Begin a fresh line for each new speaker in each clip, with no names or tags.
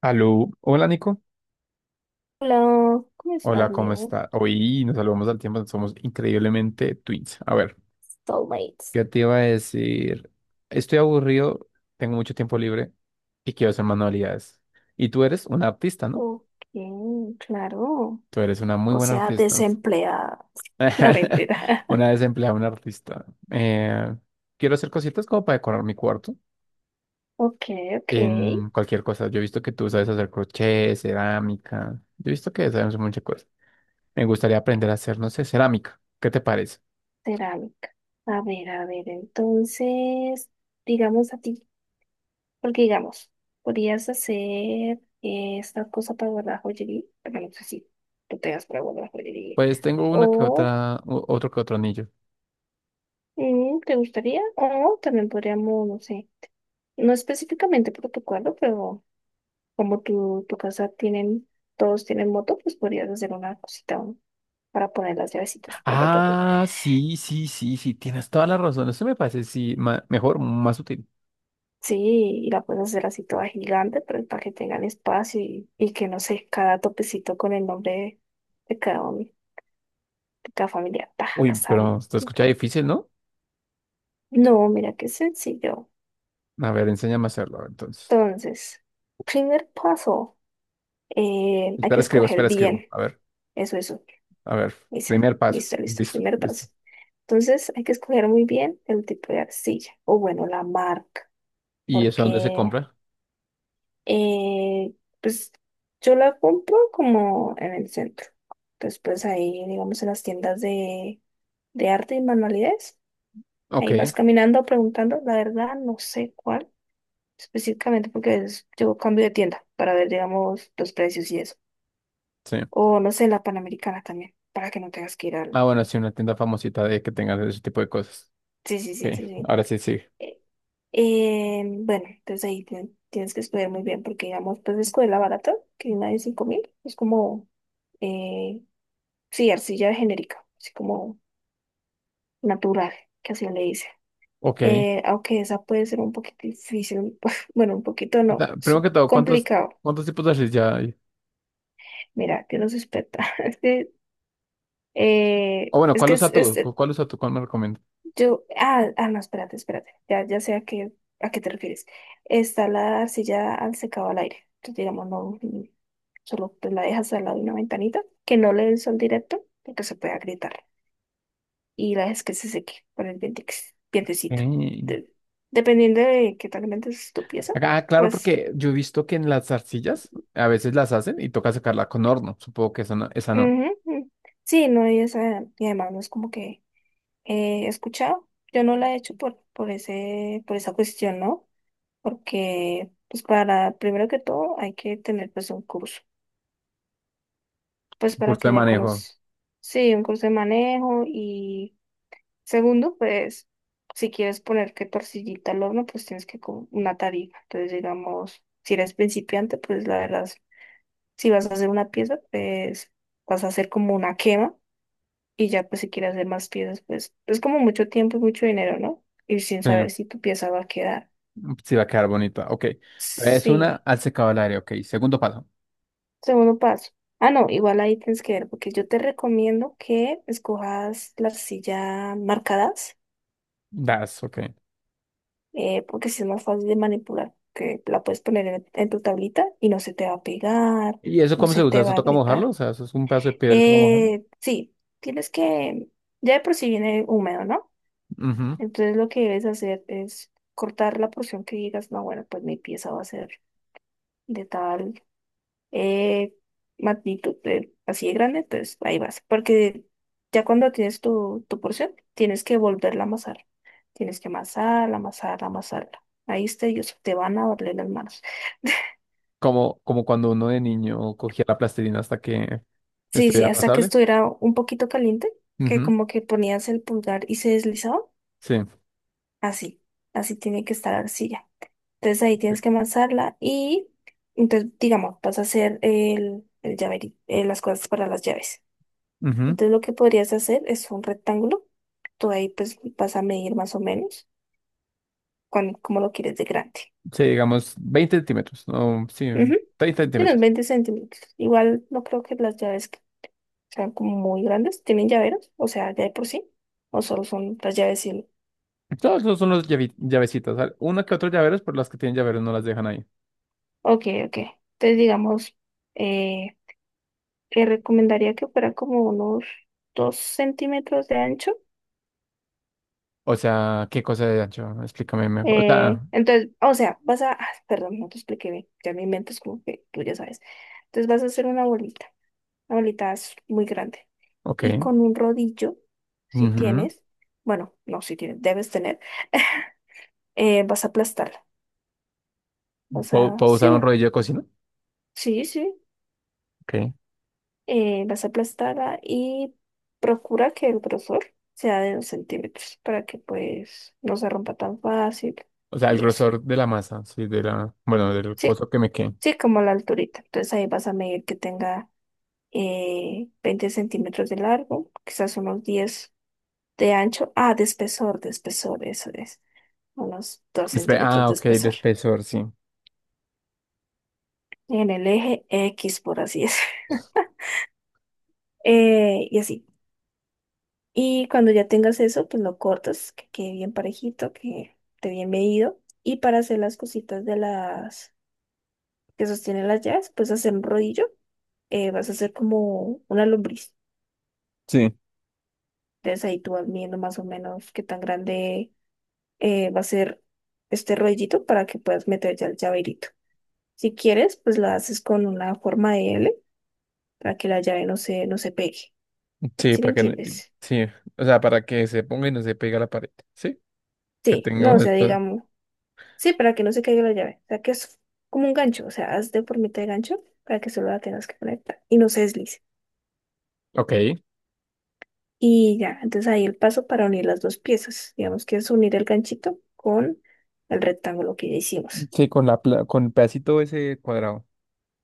Aló, hola Nico,
Hola, ¿cómo estás,
hola, ¿cómo
Leo?
está? Hoy nos salvamos al tiempo, somos increíblemente twins. A ver,
Soulmates.
¿qué te iba a decir? Estoy aburrido, tengo mucho tiempo libre y quiero hacer manualidades. Y tú eres una artista, ¿no?
Ok, claro.
Tú eres una muy
O
buena
sea,
artista.
desempleada. La mentira.
Una desempleada, una artista. Quiero hacer cositas como para decorar mi cuarto
Ok, ok.
en cualquier cosa. Yo he visto que tú sabes hacer crochet, cerámica. Yo he visto que sabes hacer muchas cosas. Me gustaría aprender a hacer, no sé, cerámica. ¿Qué te parece?
Cerámica. A ver, entonces, digamos a ti, porque digamos, podrías hacer esta cosa para guardar joyería, pero no sé si tú tengas para guardar joyería.
Pues tengo una que
O,
otra, otro que otro anillo.
¿te gustaría? O también podríamos, no sé, no específicamente por tu cuadro, pero como tu casa tienen, todos tienen moto, pues podrías hacer una cosita para poner las llavecitas. Ta, ta, ta, ta.
Ah, sí, sí, sí, sí, tienes toda la razón. Eso me parece, sí, mejor, más útil.
Sí, y la puedes hacer así toda gigante, pero para que tengan espacio y que no sé, cada topecito con el nombre de cada hombre, de cada familia. Ta, la
Uy,
sal.
pero esto escucha difícil, ¿no?
No, mira qué sencillo.
A ver, enséñame a hacerlo, a ver, entonces.
Entonces, primer paso, hay que
Espera, escribo,
escoger
espera, escribo.
bien.
A ver,
Eso, eso.
a ver.
Lisa,
Primer paso.
listo, listo.
Listo,
Primer
listo.
paso. Entonces hay que escoger muy bien el tipo de arcilla o bueno, la marca,
¿Y eso dónde se
porque
compra?
eh, pues yo la compro como en el centro. Entonces pues ahí, digamos, en las tiendas de arte y manualidades,
Ok,
ahí vas caminando preguntando, la verdad no sé cuál específicamente porque yo cambio de tienda para ver, digamos, los precios y eso.
sí.
O no sé, la Panamericana también, para que no tengas que ir al.
Ah, bueno, sí, una tienda famosita de que tenga ese tipo de cosas.
Sí, sí,
Ok,
sí, sí, sí.
ahora sí, sí.
Bueno, entonces ahí tienes que estudiar muy bien porque, digamos, pues escuela barata, que una de 5.000 es como, eh, sí, arcilla genérica, así como natural, que así le dice.
Ok.
Aunque esa puede ser un poquito difícil, bueno, un poquito no,
Primero
es
que todo, ¿cuántos,
complicado.
cuántos tipos de arcilla ya hay?
Mira, que nos espeta. Es que,
O bueno,
es
¿cuál
que
usa
es-
tú? ¿Cuál usa tú? ¿Cuál me recomiendas?
Yo, no, espérate, espérate. Ya, ya sé a qué te refieres. Está la arcilla al secado al aire. Entonces, digamos, no, solo pues, la dejas al lado de una ventanita, que no le dé el sol directo, porque se puede agrietar. Y la dejas que se seque con el dientex-
Ok.
dientecito. De- dependiendo de qué tan grande es tu pieza,
Ah, claro,
pues,
porque yo he visto que en las arcillas a veces las hacen y toca sacarla con horno. Supongo que esa no, esa no.
ujú, mm. Sí, no, y esa, y además no es como que he escuchado. Yo no la he hecho por ese, por esa cuestión, ¿no? Porque pues para, primero que todo, hay que tener pues un curso, pues para
Curso
que
de
ya
manejo.
conozcas, sí, un curso de manejo y segundo, pues si quieres poner que tortillita al horno, pues tienes que con una tarifa. Entonces, digamos, si eres principiante, pues la verdad, si vas a hacer una pieza, pues vas a hacer como una quema y ya pues si quieres hacer más piezas, pues es como mucho tiempo y mucho dinero, ¿no? Y sin
Sí,
saber si tu pieza va a quedar.
sí va a quedar bonita. Ok. Es una
Sí.
al secado al aire. Ok. Segundo paso.
Segundo paso. Ah, no, igual ahí tienes que ver, porque yo te recomiendo que escojas la arcilla marcadas,
Das. Ok.
porque si es más fácil de manipular, que la puedes poner en tu tablita y no se te va a pegar,
¿Y eso
no
cómo
se
se usa?
te
¿Eso
va a
toca mojarlo? O
gritar.
sea, eso es un pedazo de piedra y toca mojarlo.
Sí, tienes que, ya de por sí viene húmedo, ¿no?
Ujú.
Entonces lo que debes hacer es cortar la porción que digas, no, bueno, pues mi pieza va a ser de tal eh, magnitud así de grande, entonces ahí vas. Porque ya cuando tienes tu porción, tienes que volverla a amasar. Tienes que amasar, amasar, amasarla. Ahí es tedioso, te van a doler las manos.
Como, como cuando uno de niño cogía la plastilina hasta que
Sí, sí,
estuviera
hasta que
pasable.
estuviera un poquito caliente, que
Ujú.
como que ponías el pulgar y se deslizaba.
Sí.
Así, así tiene que estar la arcilla. Entonces ahí
Sí,
tienes que amasarla y entonces, digamos, vas a hacer las cosas para las llaves.
Ujú.
Entonces lo que podrías hacer es un rectángulo. Tú ahí pues vas a medir más o menos cómo lo quieres de grande.
Sí, digamos 20 centímetros. No, sí,
Ujú.
30
De unos
centímetros.
20 centímetros. Igual no creo que las llaves que sean como muy grandes. ¿Tienen llaveros? O sea, ya de por sí. O solo son las llaves y el.
Todos esos son los llavecitos. Uno que otro llaveros, pero las que tienen llaveros no las dejan ahí.
Ok, ok. Entonces digamos, eh, te recomendaría que fuera como unos 2 centímetros de ancho.
O sea, ¿qué cosa de ancho? Explícame mejor. O sea,
Entonces, o sea, perdón, no te expliqué bien. Ya mi mente es como que tú ya sabes. Entonces vas a hacer una bolita. La bolita es muy grande. Y
ok.
con un rodillo, si
Ujú.
tienes, bueno, no, si tienes, debes tener, vas a aplastarla. Vas
¿Puedo,
a,
puedo
sí,
usar un rodillo de cocina?
sí, sí,
Ok.
vas a aplastarla y procura que el grosor sea de 2 centímetros para que pues no se rompa tan fácil
O sea, el
y eso.
grosor de la masa, sí, de la, bueno, del
Sí,
coso que me quede.
sí, como la alturita. Entonces ahí vas a medir que tenga 20 centímetros de largo, quizás unos 10 de ancho. Ah, de espesor, eso es. Unos 2 centímetros
Ah,
de
ok, de
espesor,
espesor, sí.
en el eje X, por así es. Y así. Y cuando ya tengas eso, pues lo cortas, que quede bien parejito, que esté bien medido. Y para hacer las cositas de las que sostienen las llaves, pues hacer un rodillo. Vas a hacer como una lombriz.
Sí,
Entonces ahí tú vas midiendo más o menos qué tan grande va a ser este rodillito para que puedas meter ya el llaverito. Si quieres, pues la haces con una forma de L para que la llave no se pegue.
sí,
¿Sí me
para que,
entiendes?
sí, o sea, para que se ponga y no se pega a la pared, ¿sí? Que
Sí,
tenga
no, o
un
sea, digamos, sí, para que no se caiga la llave. O sea, que es como un gancho, o sea, haz de formita de gancho para que solo la tengas que conectar y no se deslice.
Ok.
Y ya, entonces ahí el paso para unir las dos piezas. Digamos que es unir el ganchito con el rectángulo que ya hicimos.
Sí, con la, con el pedacito ese cuadrado.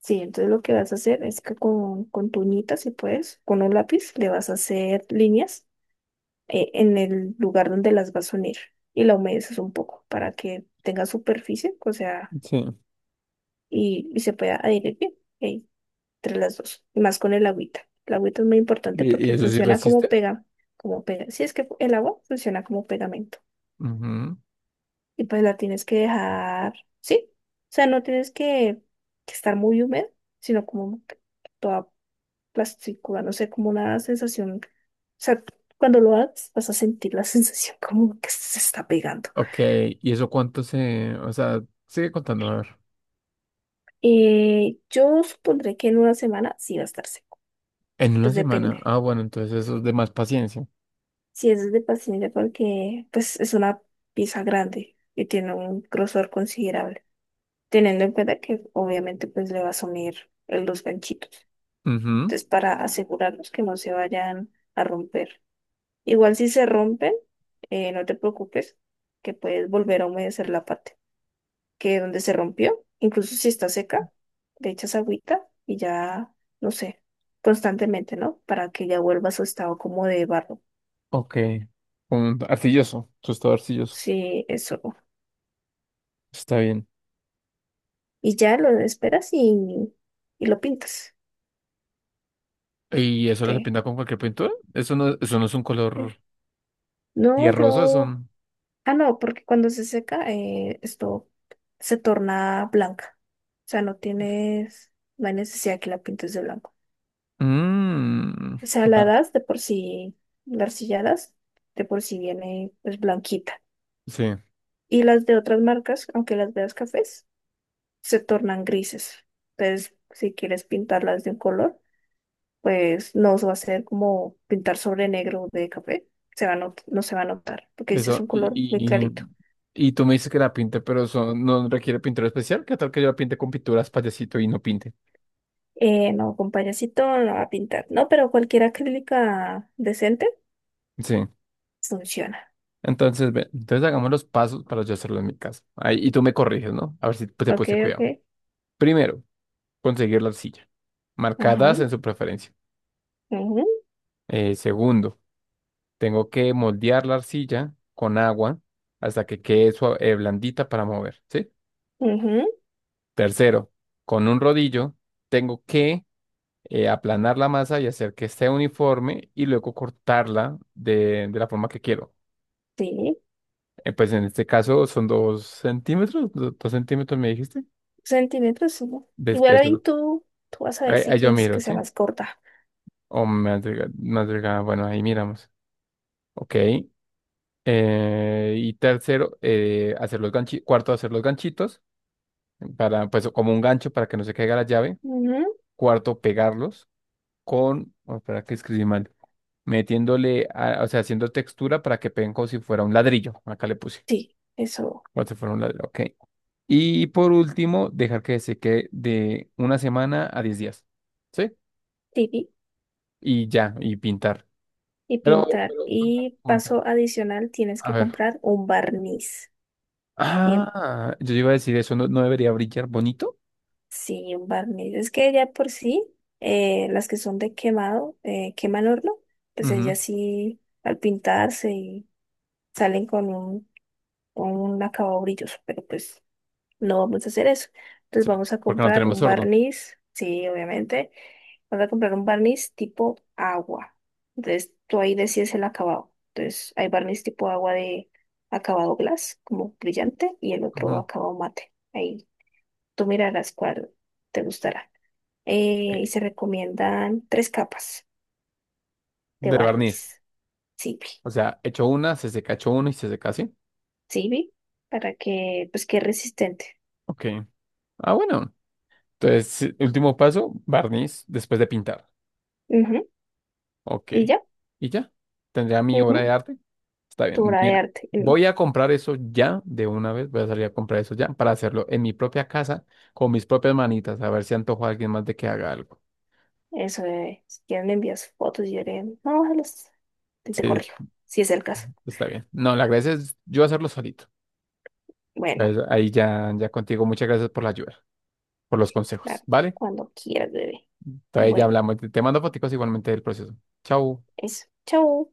Sí, entonces lo que vas a hacer es que con tu uñita, si puedes, con un lápiz, le vas a hacer líneas en el lugar donde las vas a unir y la humedeces un poco para que tenga superficie, o sea,
Sí.
y se pueda adherir bien eh, entre las dos, y más con el agüita. El agüita es muy importante
Y
porque
eso sí
funciona como
resiste?
pega, como pega. Si es que el agua funciona como pegamento
Ujú.
y pues la tienes que dejar, ¿sí? O sea, no tienes que estar muy húmeda, sino como toda plástica, no sé, como una sensación. O sea, cuando lo hagas vas a sentir la sensación como que se está pegando.
Ok, ¿y eso cuánto se...? O sea, sigue contando, a ver.
Yo supondré que en una semana sí va a estar seco.
En una
Pues depende.
semana. Ah, bueno, entonces eso es de más paciencia.
Sí, eso es de paciencia porque pues es una pieza grande y tiene un grosor considerable, teniendo en cuenta que obviamente pues le va a sumir los ganchitos.
Ujú.
Entonces, para asegurarnos que no se vayan a romper. Igual si se rompen, no te preocupes, que puedes volver a humedecer la parte que donde se rompió, incluso si está seca, le echas agüita y ya, no sé, constantemente, ¿no? Para que ya vuelva a su estado como de barro.
Ok. Un arcilloso, tostado arcilloso.
Sí, eso.
Está bien.
Y ya lo esperas y lo pintas.
¿Y eso lo se
Te-
pinta con cualquier pintura? Eso no es un color
sí. No,
tierroso, es
yo.
un...
Ah, no, porque cuando se seca, esto se torna blanca. O sea, no tienes, no hay necesidad que la pintes de blanco.
Mm,
O sea, la
claro.
das de por sí, la arcilla das, de por sí viene pues blanquita.
Sí,
Y las de otras marcas, aunque las veas cafés, se tornan grises. Entonces, si quieres pintarlas de un color, pues no va a ser como pintar sobre negro de café. Se va a not- No se va a notar, porque ese es
eso.
un color muy
Y, y,
clarito.
y tú me dices que la pinte, pero eso no requiere pintura especial. ¿Qué tal que yo la pinte con pinturas payasito y no pinte?
No, con payasito no va a pintar. No, pero cualquier acrílica decente
Sí.
funciona.
Entonces, ve, entonces hagamos los pasos para yo hacerlo en mi casa. Ahí, y tú me corriges, ¿no? A ver si pues, te
Ok,
puse cuidado.
ok.
Primero, conseguir la arcilla,
Ajá,
marcadas en su preferencia.
ajá,
Segundo, tengo que moldear la arcilla con agua hasta que quede blandita para mover, ¿sí?
ajá.
Tercero, con un rodillo, tengo que aplanar la masa y hacer que esté uniforme y luego cortarla de la forma que quiero.
Sí,
Pues en este caso son 2 centímetros, 2 centímetros me dijiste
centímetros, sí.
de
Igual ahí
espeso.
tú vas a ver
Ahí,
si
ahí yo
quieres
miro,
que
¿sí?
sea más corta.
O madrigal, madrigal, bueno, ahí miramos. Ok. Y tercero, hacer los ganchi. Cuarto, hacer los ganchitos. Para, pues, como un gancho para que no se caiga la llave.
Ujú.
Cuarto, pegarlos con, oh, espera que escribí mal. Metiéndole, o sea, haciendo textura para que peguen como si fuera un ladrillo. Acá le puse.
Sí, eso,
Como si fuera un ladrillo, ok. Y por último, dejar que se quede de una semana a 10 días. ¿Sí?
tipi.
Y ya, y pintar.
Y
Pero,
pintar.
pero, una
Y
pregunta.
paso adicional, tienes
A
que
ver.
comprar un barniz. Eh,
Ah, yo iba a decir eso, ¿no, no debería brillar bonito?
Sí, un barniz. Es que ya por sí, las que son de quemado, queman horno, pues
Ujú,
ellas sí al pintarse y salen con con un acabado brilloso, pero pues no vamos a hacer eso. Entonces
sí,
vamos a
porque no
comprar
tenemos
un
horno.
barniz, sí, obviamente. Vamos a comprar un barniz tipo agua. Entonces tú ahí decides el acabado. Entonces hay barniz tipo agua de acabado glass, como brillante, y el otro
Ujú.
acabado mate. Ahí tú mirarás cuál te gustará
Ok.
y se recomiendan tres capas de
De barniz.
barniz Civi,
O sea, hecho una, se seca, hecho uno y se seca así.
Civi, para que pues quede resistente.
Ok. Ah, bueno. Entonces, sí, último paso, barniz después de pintar.
Ujú.
Ok.
Y ya,
Y ya. Tendría mi obra de
ujú.
arte. Está
Tu
bien.
obra de
Mira,
arte. Mm.
voy a comprar eso ya de una vez. Voy a salir a comprar eso ya para hacerlo en mi propia casa con mis propias manitas. A ver si antojo a alguien más de que haga algo.
Eso, si quieren me envías fotos y yo no, te
Sí,
corrijo, si es el caso.
está bien. No, la gracia es yo hacerlo solito.
Bueno,
Entonces, ahí ya, ya contigo, muchas gracias por la ayuda, por los consejos,
claro,
¿vale?
cuando quieras, bebé.
Entonces ya
Bueno,
hablamos. Te mando foticos igualmente del proceso. Chau.
eso. Chau.